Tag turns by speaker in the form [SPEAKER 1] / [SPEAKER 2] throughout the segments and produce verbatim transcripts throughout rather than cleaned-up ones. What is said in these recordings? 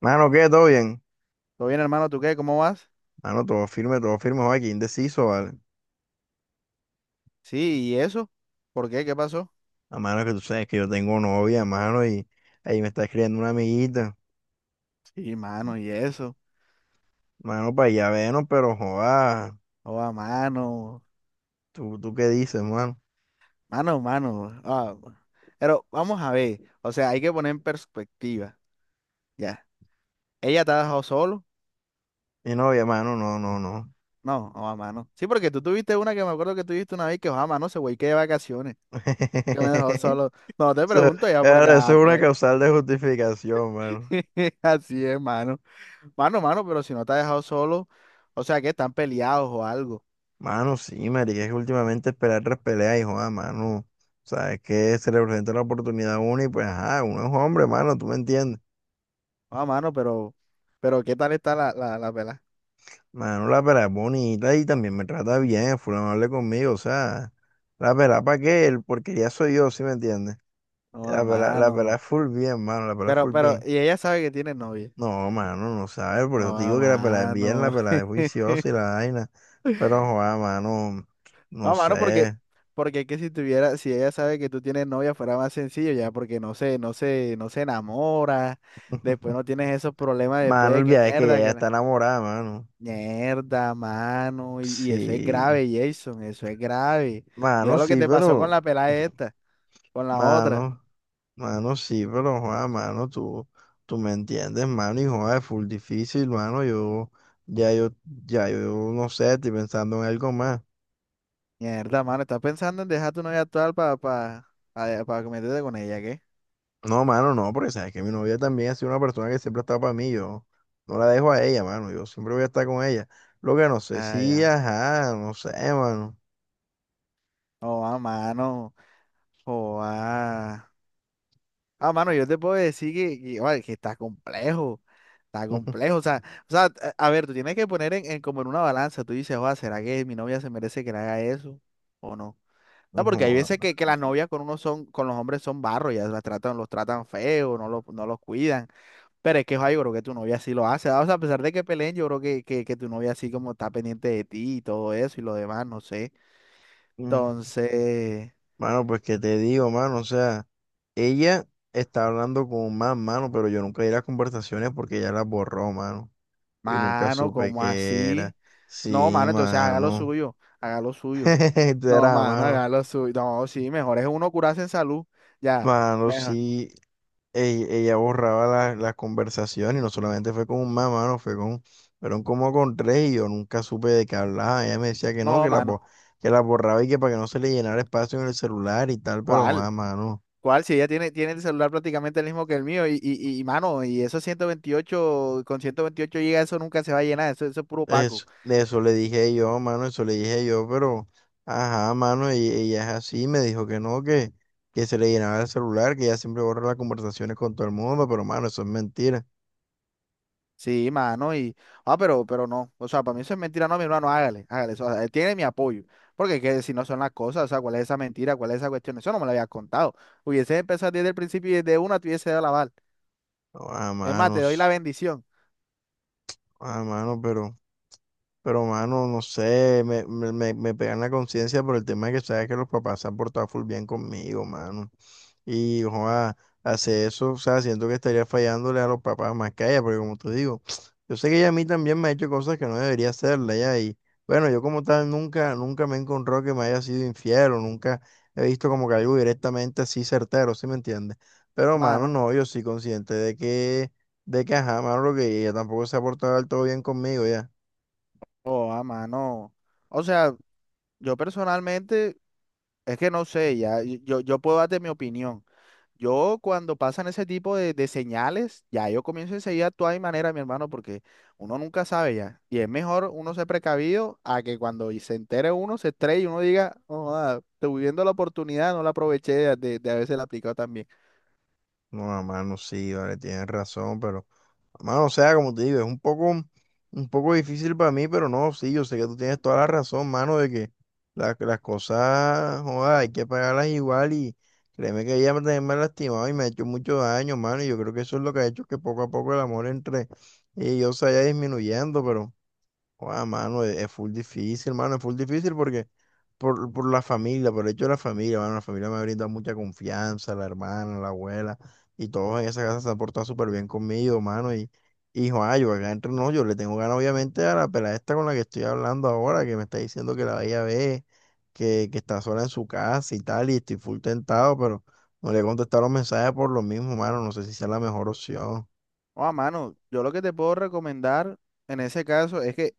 [SPEAKER 1] Mano, ¿qué? ¿Todo bien?
[SPEAKER 2] ¿Todo bien, hermano? ¿Tú qué? ¿Cómo vas?
[SPEAKER 1] Mano, todo firme, todo firme, joder, qué indeciso, ¿vale?
[SPEAKER 2] Sí, ¿y eso? ¿Por qué? ¿Qué pasó?
[SPEAKER 1] A mano que tú sabes que yo tengo novia, mano, y ahí me está escribiendo una amiguita.
[SPEAKER 2] Sí, mano, ¿y eso?
[SPEAKER 1] Mano, para allá vernos, pero joder,
[SPEAKER 2] Oh, mano,
[SPEAKER 1] ¿tú, tú qué dices, mano?
[SPEAKER 2] mano, mano. Ah, bueno. Pero vamos a ver, o sea, hay que poner en perspectiva, ya. ¿Ella te ha dejado solo?
[SPEAKER 1] Mi novia, mano, no, no, no.
[SPEAKER 2] No, oh, mano. Sí, porque tú tuviste una que me acuerdo que tuviste una vez que, oh, mano, se güey que de vacaciones, que me dejó solo. No, no te
[SPEAKER 1] Eso,
[SPEAKER 2] pregunto ya porque,
[SPEAKER 1] ahora, eso
[SPEAKER 2] ah,
[SPEAKER 1] es una
[SPEAKER 2] pues,
[SPEAKER 1] causal de justificación, mano.
[SPEAKER 2] así es, mano. Mano, mano, pero si no te ha dejado solo, o sea, que están peleados o algo.
[SPEAKER 1] Mano, sí, marica, es que últimamente esperar tres peleas y joda, mano, sabes que se le presenta la oportunidad a uno y pues, ajá, uno es hombre, mano, tú me entiendes.
[SPEAKER 2] Oh, mano, pero, pero, ¿qué tal está la, la, la pelada?
[SPEAKER 1] Mano, la pera es bonita y también me trata bien, full amable conmigo, o sea, la pera para qué, el porquería soy yo, ¿sí me entiendes?
[SPEAKER 2] Oh, a
[SPEAKER 1] La pera, la pera
[SPEAKER 2] mano.
[SPEAKER 1] es full bien, mano, la pera es
[SPEAKER 2] Pero,
[SPEAKER 1] full
[SPEAKER 2] pero,
[SPEAKER 1] bien.
[SPEAKER 2] y ella sabe que tiene novia.
[SPEAKER 1] No, mano, no sabes, por eso
[SPEAKER 2] Oh,
[SPEAKER 1] te digo que la pera es
[SPEAKER 2] a
[SPEAKER 1] bien, la
[SPEAKER 2] mano.
[SPEAKER 1] pera es juiciosa y la vaina, pero joder, mano,
[SPEAKER 2] No
[SPEAKER 1] no
[SPEAKER 2] a mano, porque,
[SPEAKER 1] sé.
[SPEAKER 2] porque es que si tuviera, si ella sabe que tú tienes novia, fuera más sencillo ya, porque no se, no se, no se enamora. Después no tienes esos problemas después
[SPEAKER 1] Mano, el
[SPEAKER 2] de que
[SPEAKER 1] viaje es que ella
[SPEAKER 2] mierda,
[SPEAKER 1] ya
[SPEAKER 2] que
[SPEAKER 1] está
[SPEAKER 2] la-
[SPEAKER 1] enamorada, mano.
[SPEAKER 2] mierda, mano. Y, y eso es
[SPEAKER 1] Sí,
[SPEAKER 2] grave, Jason, eso es grave. Mira
[SPEAKER 1] mano,
[SPEAKER 2] lo que
[SPEAKER 1] sí,
[SPEAKER 2] te pasó con
[SPEAKER 1] pero,
[SPEAKER 2] la pelada esta, con la otra.
[SPEAKER 1] mano. Mano, sí, pero, joda, mano, tú, tú me entiendes, mano, y joda, es full difícil, mano, yo, ya yo, ya yo, no sé, estoy pensando en algo más.
[SPEAKER 2] Mierda, mano, estás pensando en dejar tu novia actual para pa, pa, pa pa meterte con ella, ¿qué?
[SPEAKER 1] No, mano, no, porque sabes que mi novia también ha sido una persona que siempre ha estado para mí, yo no la dejo a ella, mano, yo siempre voy a estar con ella. Lo que no sé,
[SPEAKER 2] Ah,
[SPEAKER 1] sí,
[SPEAKER 2] ya.
[SPEAKER 1] ajá, no sé, mano.
[SPEAKER 2] Oh, a mano. Oh, ah. Ah, mano, yo te puedo decir que, que, oye, que está complejo. Está complejo. O sea, o sea, a a ver, tú tienes que poner en, en como en una balanza. Tú dices, oye, ¿será que mi novia se merece que le haga eso? ¿O no? No, porque hay veces
[SPEAKER 1] Joda.
[SPEAKER 2] que, que las novias con uno son, con los hombres son barro, ya las tratan, los tratan feo, no los, no los cuidan. Pero es que, oye, yo creo que tu novia sí lo hace. Ah, o sea, a pesar de que peleen, yo creo que, que, que tu novia sí como está pendiente de ti y todo eso y lo demás, no sé.
[SPEAKER 1] Mm.
[SPEAKER 2] Entonces,
[SPEAKER 1] Mano, pues qué te digo, mano, o sea, ella está hablando con más, mano, pero yo nunca di las conversaciones porque ella las borró, mano. Y nunca
[SPEAKER 2] mano,
[SPEAKER 1] supe
[SPEAKER 2] ¿como
[SPEAKER 1] qué era.
[SPEAKER 2] así? No,
[SPEAKER 1] Sí,
[SPEAKER 2] mano, entonces haga lo
[SPEAKER 1] mano.
[SPEAKER 2] suyo, haga lo suyo.
[SPEAKER 1] Esto
[SPEAKER 2] No,
[SPEAKER 1] era,
[SPEAKER 2] mano,
[SPEAKER 1] mano.
[SPEAKER 2] haga lo suyo. No, sí, mejor es uno curarse en salud. Ya,
[SPEAKER 1] Mano,
[SPEAKER 2] mejor.
[SPEAKER 1] sí. Ella, ella borraba la- las conversaciones y no solamente fue con un más, mano, fue con, fueron como con tres y yo nunca supe de qué hablaba. Ella me decía que no,
[SPEAKER 2] No,
[SPEAKER 1] que la, bo-
[SPEAKER 2] mano,
[SPEAKER 1] que la borraba y que para que no se le llenara espacio en el celular y tal, pero
[SPEAKER 2] ¿cuál?
[SPEAKER 1] joder, mano.
[SPEAKER 2] ¿Cuál? Si ella tiene, tiene el celular prácticamente el mismo que el mío y, y, y, mano, y esos ciento veintiocho con ciento veintiocho gigas eso nunca se va a llenar, eso, eso es puro paco.
[SPEAKER 1] Eso, de eso le dije yo, mano, eso le dije yo, pero, ajá, mano, y ella es así, me dijo que no, que, que se le llenaba el celular, que ella siempre borra las conversaciones con todo el mundo, pero, mano, eso es mentira.
[SPEAKER 2] Sí, mano, y, ah, pero, pero no, o sea, para mí eso es mentira, no, mi hermano, hágale, hágale, eso, o sea, él tiene mi apoyo, porque que si no son las cosas, o sea, ¿cuál es esa mentira, cuál es esa cuestión? Eso no me lo habías contado. Hubiese empezado desde el principio y desde una te hubiese dado la bala.
[SPEAKER 1] No, ah,
[SPEAKER 2] Es más, te doy la
[SPEAKER 1] manos,
[SPEAKER 2] bendición,
[SPEAKER 1] ah, mano, pero, pero, mano, no sé, me, me, me, me pegan la conciencia por el tema de que sabes que los papás se han portado full bien conmigo, mano. Y joa, hace eso, o sea, siento que estaría fallándole a los papás más que a ella, porque como te digo, yo sé que ella a mí también me ha hecho cosas que no debería hacerle ya, y bueno, yo como tal nunca, nunca me he encontrado que me haya sido infiel, o nunca he visto como que algo directamente así certero, ¿sí me entiendes? Pero mano,
[SPEAKER 2] mano.
[SPEAKER 1] no, yo sí consciente de que, de que ajá, mano, lo que ella tampoco se ha portado del todo bien conmigo ya.
[SPEAKER 2] Oh, a mano. O sea, yo personalmente, es que no sé, ya, y- yo, yo puedo darte mi opinión. Yo cuando pasan ese tipo de, de señales, ya yo comienzo enseguida a actuar de mi manera, mi hermano, porque uno nunca sabe ya. Y es mejor uno ser precavido a que cuando y se entere uno, se estrelle y uno diga, oh, ah, estoy viendo la oportunidad, no la aproveché de, de, de haberse la aplicado también.
[SPEAKER 1] No, mano, sí, vale, tienes razón, pero. Mano, o sea, como te digo, es un poco, un poco difícil para mí, pero no, sí, yo sé que tú tienes toda la razón, mano, de que la- las cosas, joda, hay que pagarlas igual y créeme que ella también me ha lastimado y me ha hecho mucho daño, mano, y yo creo que eso es lo que ha hecho que poco a poco el amor entre ellos se vaya disminuyendo, pero... Guau, mano, es, es full difícil, mano, es full difícil porque por, por la familia, por el hecho de la familia, mano, la familia me ha brindado mucha confianza, la hermana, la abuela, y todos en esa casa se han portado súper bien conmigo, mano, y, y joa, yo acá entre no, yo le tengo ganas obviamente a la pelada esta con la que estoy hablando ahora, que me está diciendo que la vaya a ver, que, que está sola en su casa y tal, y estoy full tentado, pero no le he contestado los mensajes por lo mismo, mano, no sé si sea la mejor opción.
[SPEAKER 2] Oh, a mano, yo lo que te puedo recomendar en ese caso es que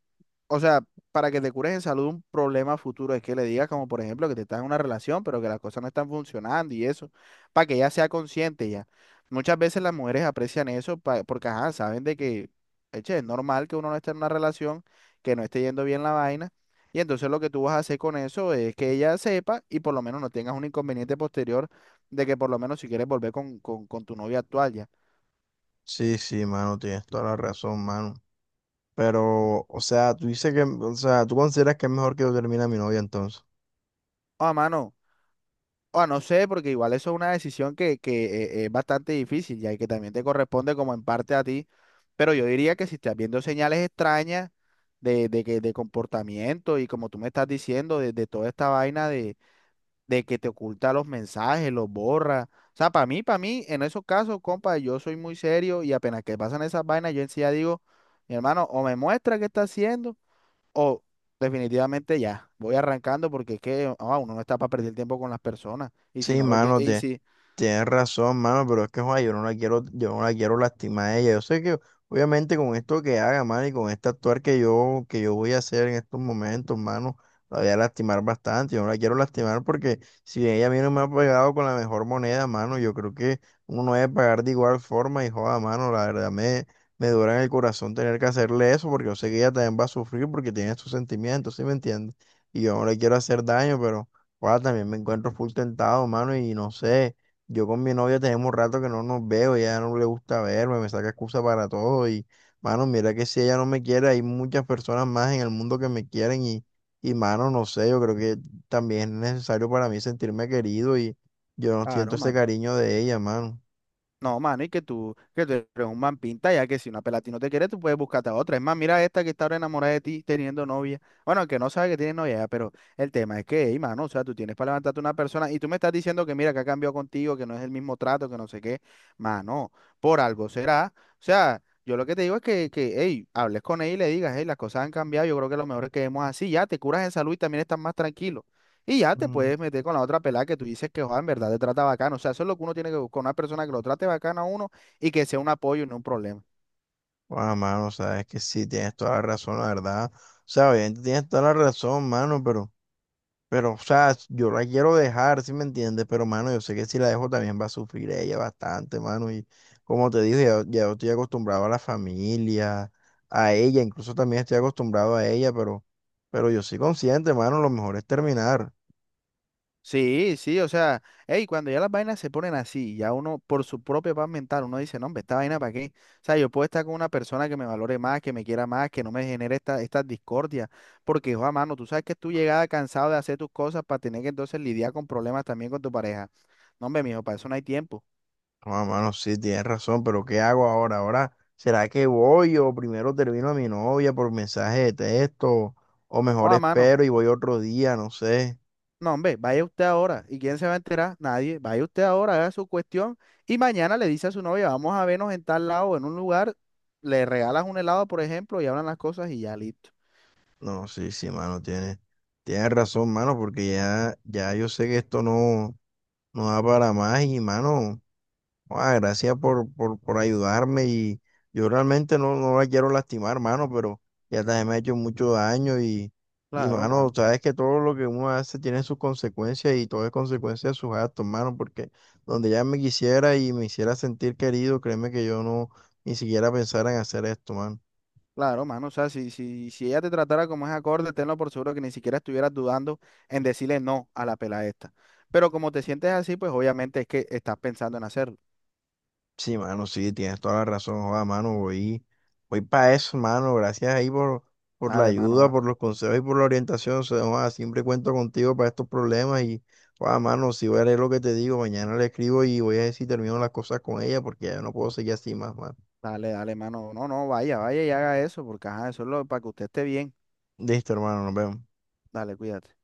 [SPEAKER 2] o sea, para que te cures en salud un problema futuro es que le digas como por ejemplo que te estás en una relación, pero que las cosas no están funcionando y eso, para que ella sea consciente ya. Muchas veces las mujeres aprecian eso pa- porque ajá, saben de que, eche, es normal que uno no esté en una relación, que no esté yendo bien la vaina. Y entonces lo que tú vas a hacer con eso es que ella sepa y por lo menos no tengas un inconveniente posterior de que por lo menos si quieres volver con, con, con tu novia actual ya.
[SPEAKER 1] Sí, sí, mano, tienes toda la razón, mano. Pero, o sea, tú dices que, o sea, tú consideras que es mejor que yo termine a mi novia entonces.
[SPEAKER 2] Ah, mano. Ah, no sé, porque igual eso es una decisión que, que eh, es bastante difícil ya, y que también te corresponde como en parte a ti. Pero yo diría que si estás viendo señales extrañas de, de, que, de comportamiento y como tú me estás diciendo, de, de toda esta vaina de, de que te oculta los mensajes, los borra. O sea, para mí, para mí, en esos casos, compa, yo soy muy serio y apenas que pasan esas vainas, yo en sí ya digo, mi hermano, o me muestra qué está haciendo. O definitivamente ya, voy arrancando porque es que ah, uno no está para perder tiempo con las personas. Y si
[SPEAKER 1] Sí,
[SPEAKER 2] no lo quiere,
[SPEAKER 1] mano,
[SPEAKER 2] y
[SPEAKER 1] te
[SPEAKER 2] si,
[SPEAKER 1] Tienes razón, mano, pero es que, joder, yo no la quiero, yo no la quiero lastimar a ella. Yo sé que, obviamente, con esto que haga, mano, y con este actuar que yo, que yo voy a hacer en estos momentos, mano, la voy a lastimar bastante. Yo no la quiero lastimar porque si ella a mí no me ha pagado con la mejor moneda, mano, yo creo que uno no debe pagar de igual forma y, joda, mano, la verdad me, me dura en el corazón tener que hacerle eso porque yo sé que ella también va a sufrir porque tiene sus sentimientos, ¿sí me entiendes? Y yo no le quiero hacer daño, pero, joda, también me encuentro full tentado, mano, y no sé. Yo con mi novia tenemos rato que no nos veo, ya no le gusta verme, me saca excusa para todo y, mano, mira que si ella no me quiere, hay muchas personas más en el mundo que me quieren y, y, mano, no sé, yo creo que también es necesario para mí sentirme querido y yo no siento
[SPEAKER 2] claro,
[SPEAKER 1] ese
[SPEAKER 2] mano.
[SPEAKER 1] cariño de ella, mano.
[SPEAKER 2] No, mano, y que tú, que tú eres un man pinta, ya que si una pela a ti no te quiere, tú puedes buscarte a otra. Es más, mira esta que está ahora enamorada de ti teniendo novia. Bueno, que no sabe que tiene novia, ya, pero el tema es que, hey, mano, o sea, tú tienes para levantarte una persona y tú me estás diciendo que mira, que ha cambiado contigo, que no es el mismo trato, que no sé qué. Mano, por algo será. O sea, yo lo que te digo es que, que hey, hables con ella y le digas, hey, las cosas han cambiado, yo creo que lo mejor es que vemos así, ya te curas en salud y también estás más tranquilo. Y ya te
[SPEAKER 1] Mm.
[SPEAKER 2] puedes meter con la otra pelada que tú dices que, joder, en verdad te trata bacano. O sea, eso es lo que uno tiene que buscar, una persona que lo trate bacano a uno y que sea un apoyo y no un problema.
[SPEAKER 1] Ah, mano, sabes que sí, tienes toda la razón, la verdad. O sea, obviamente tienes toda la razón, mano, pero... Pero, o sea, yo la quiero dejar, ¿si me entiendes? Pero, mano, yo sé que si la dejo también va a sufrir ella bastante, mano. Y como te dije, ya, ya estoy acostumbrado a la familia, a ella, incluso también estoy acostumbrado a ella, pero, pero yo soy consciente, mano, lo mejor es terminar.
[SPEAKER 2] Sí, sí, o sea, hey, cuando ya las vainas se ponen así, ya uno por su propia paz mental, uno dice, no, hombre, esta vaina para qué. O sea, yo puedo estar con una persona que me valore más, que me quiera más, que no me genere esta, estas discordias, porque, joder, mano, tú sabes que tú llegada cansado de hacer tus cosas para tener que entonces lidiar con problemas también con tu pareja. No, hombre, mijo, para eso no hay tiempo.
[SPEAKER 1] No, mano, sí, tienes razón, pero ¿qué hago ahora? Ahora, ¿será que voy o primero termino a mi novia por mensaje de texto? O mejor
[SPEAKER 2] Joder, mano.
[SPEAKER 1] espero y voy otro día, no sé.
[SPEAKER 2] No, hombre, vaya usted ahora. ¿Y quién se va a enterar? Nadie. Vaya usted ahora, haga su cuestión. Y mañana le dice a su novia, vamos a vernos en tal lado, en un lugar. Le regalas un helado, por ejemplo, y hablan las cosas y ya listo.
[SPEAKER 1] No, sí, sí, mano, tiene, tiene razón, mano, porque ya, ya yo sé que esto no, no da para más y, mano, ah, gracias por, por, por ayudarme y yo realmente no, no la quiero lastimar, mano, pero ya también me ha hecho mucho daño y, y,
[SPEAKER 2] Claro,
[SPEAKER 1] mano,
[SPEAKER 2] mano.
[SPEAKER 1] sabes que todo lo que uno hace tiene sus consecuencias y todo es consecuencia de sus actos, mano, porque donde ya me quisiera y me hiciera sentir querido, créeme que yo no ni siquiera pensara en hacer esto, mano.
[SPEAKER 2] Claro, mano. O sea, si, si, si ella te tratara como es acorde, tenlo por seguro que ni siquiera estuvieras dudando en decirle no a la pela esta. Pero como te sientes así, pues obviamente es que estás pensando en hacerlo.
[SPEAKER 1] Sí, mano, sí, tienes toda la razón, joda, mano, voy, voy para eso, mano, gracias ahí por, por la
[SPEAKER 2] Dale, mano,
[SPEAKER 1] ayuda,
[SPEAKER 2] va.
[SPEAKER 1] por los consejos y por la orientación, o sea, joda, siempre cuento contigo para estos problemas y, joda, mano, si voy a leer lo que te digo, mañana le escribo y voy a ver si termino las cosas con ella porque ya no puedo seguir así más, mano.
[SPEAKER 2] Dale, dale, mano. No, no, vaya, vaya y haga eso, porque ajá, eso es lo, para que usted esté bien.
[SPEAKER 1] Listo, hermano, nos vemos.
[SPEAKER 2] Dale, cuídate.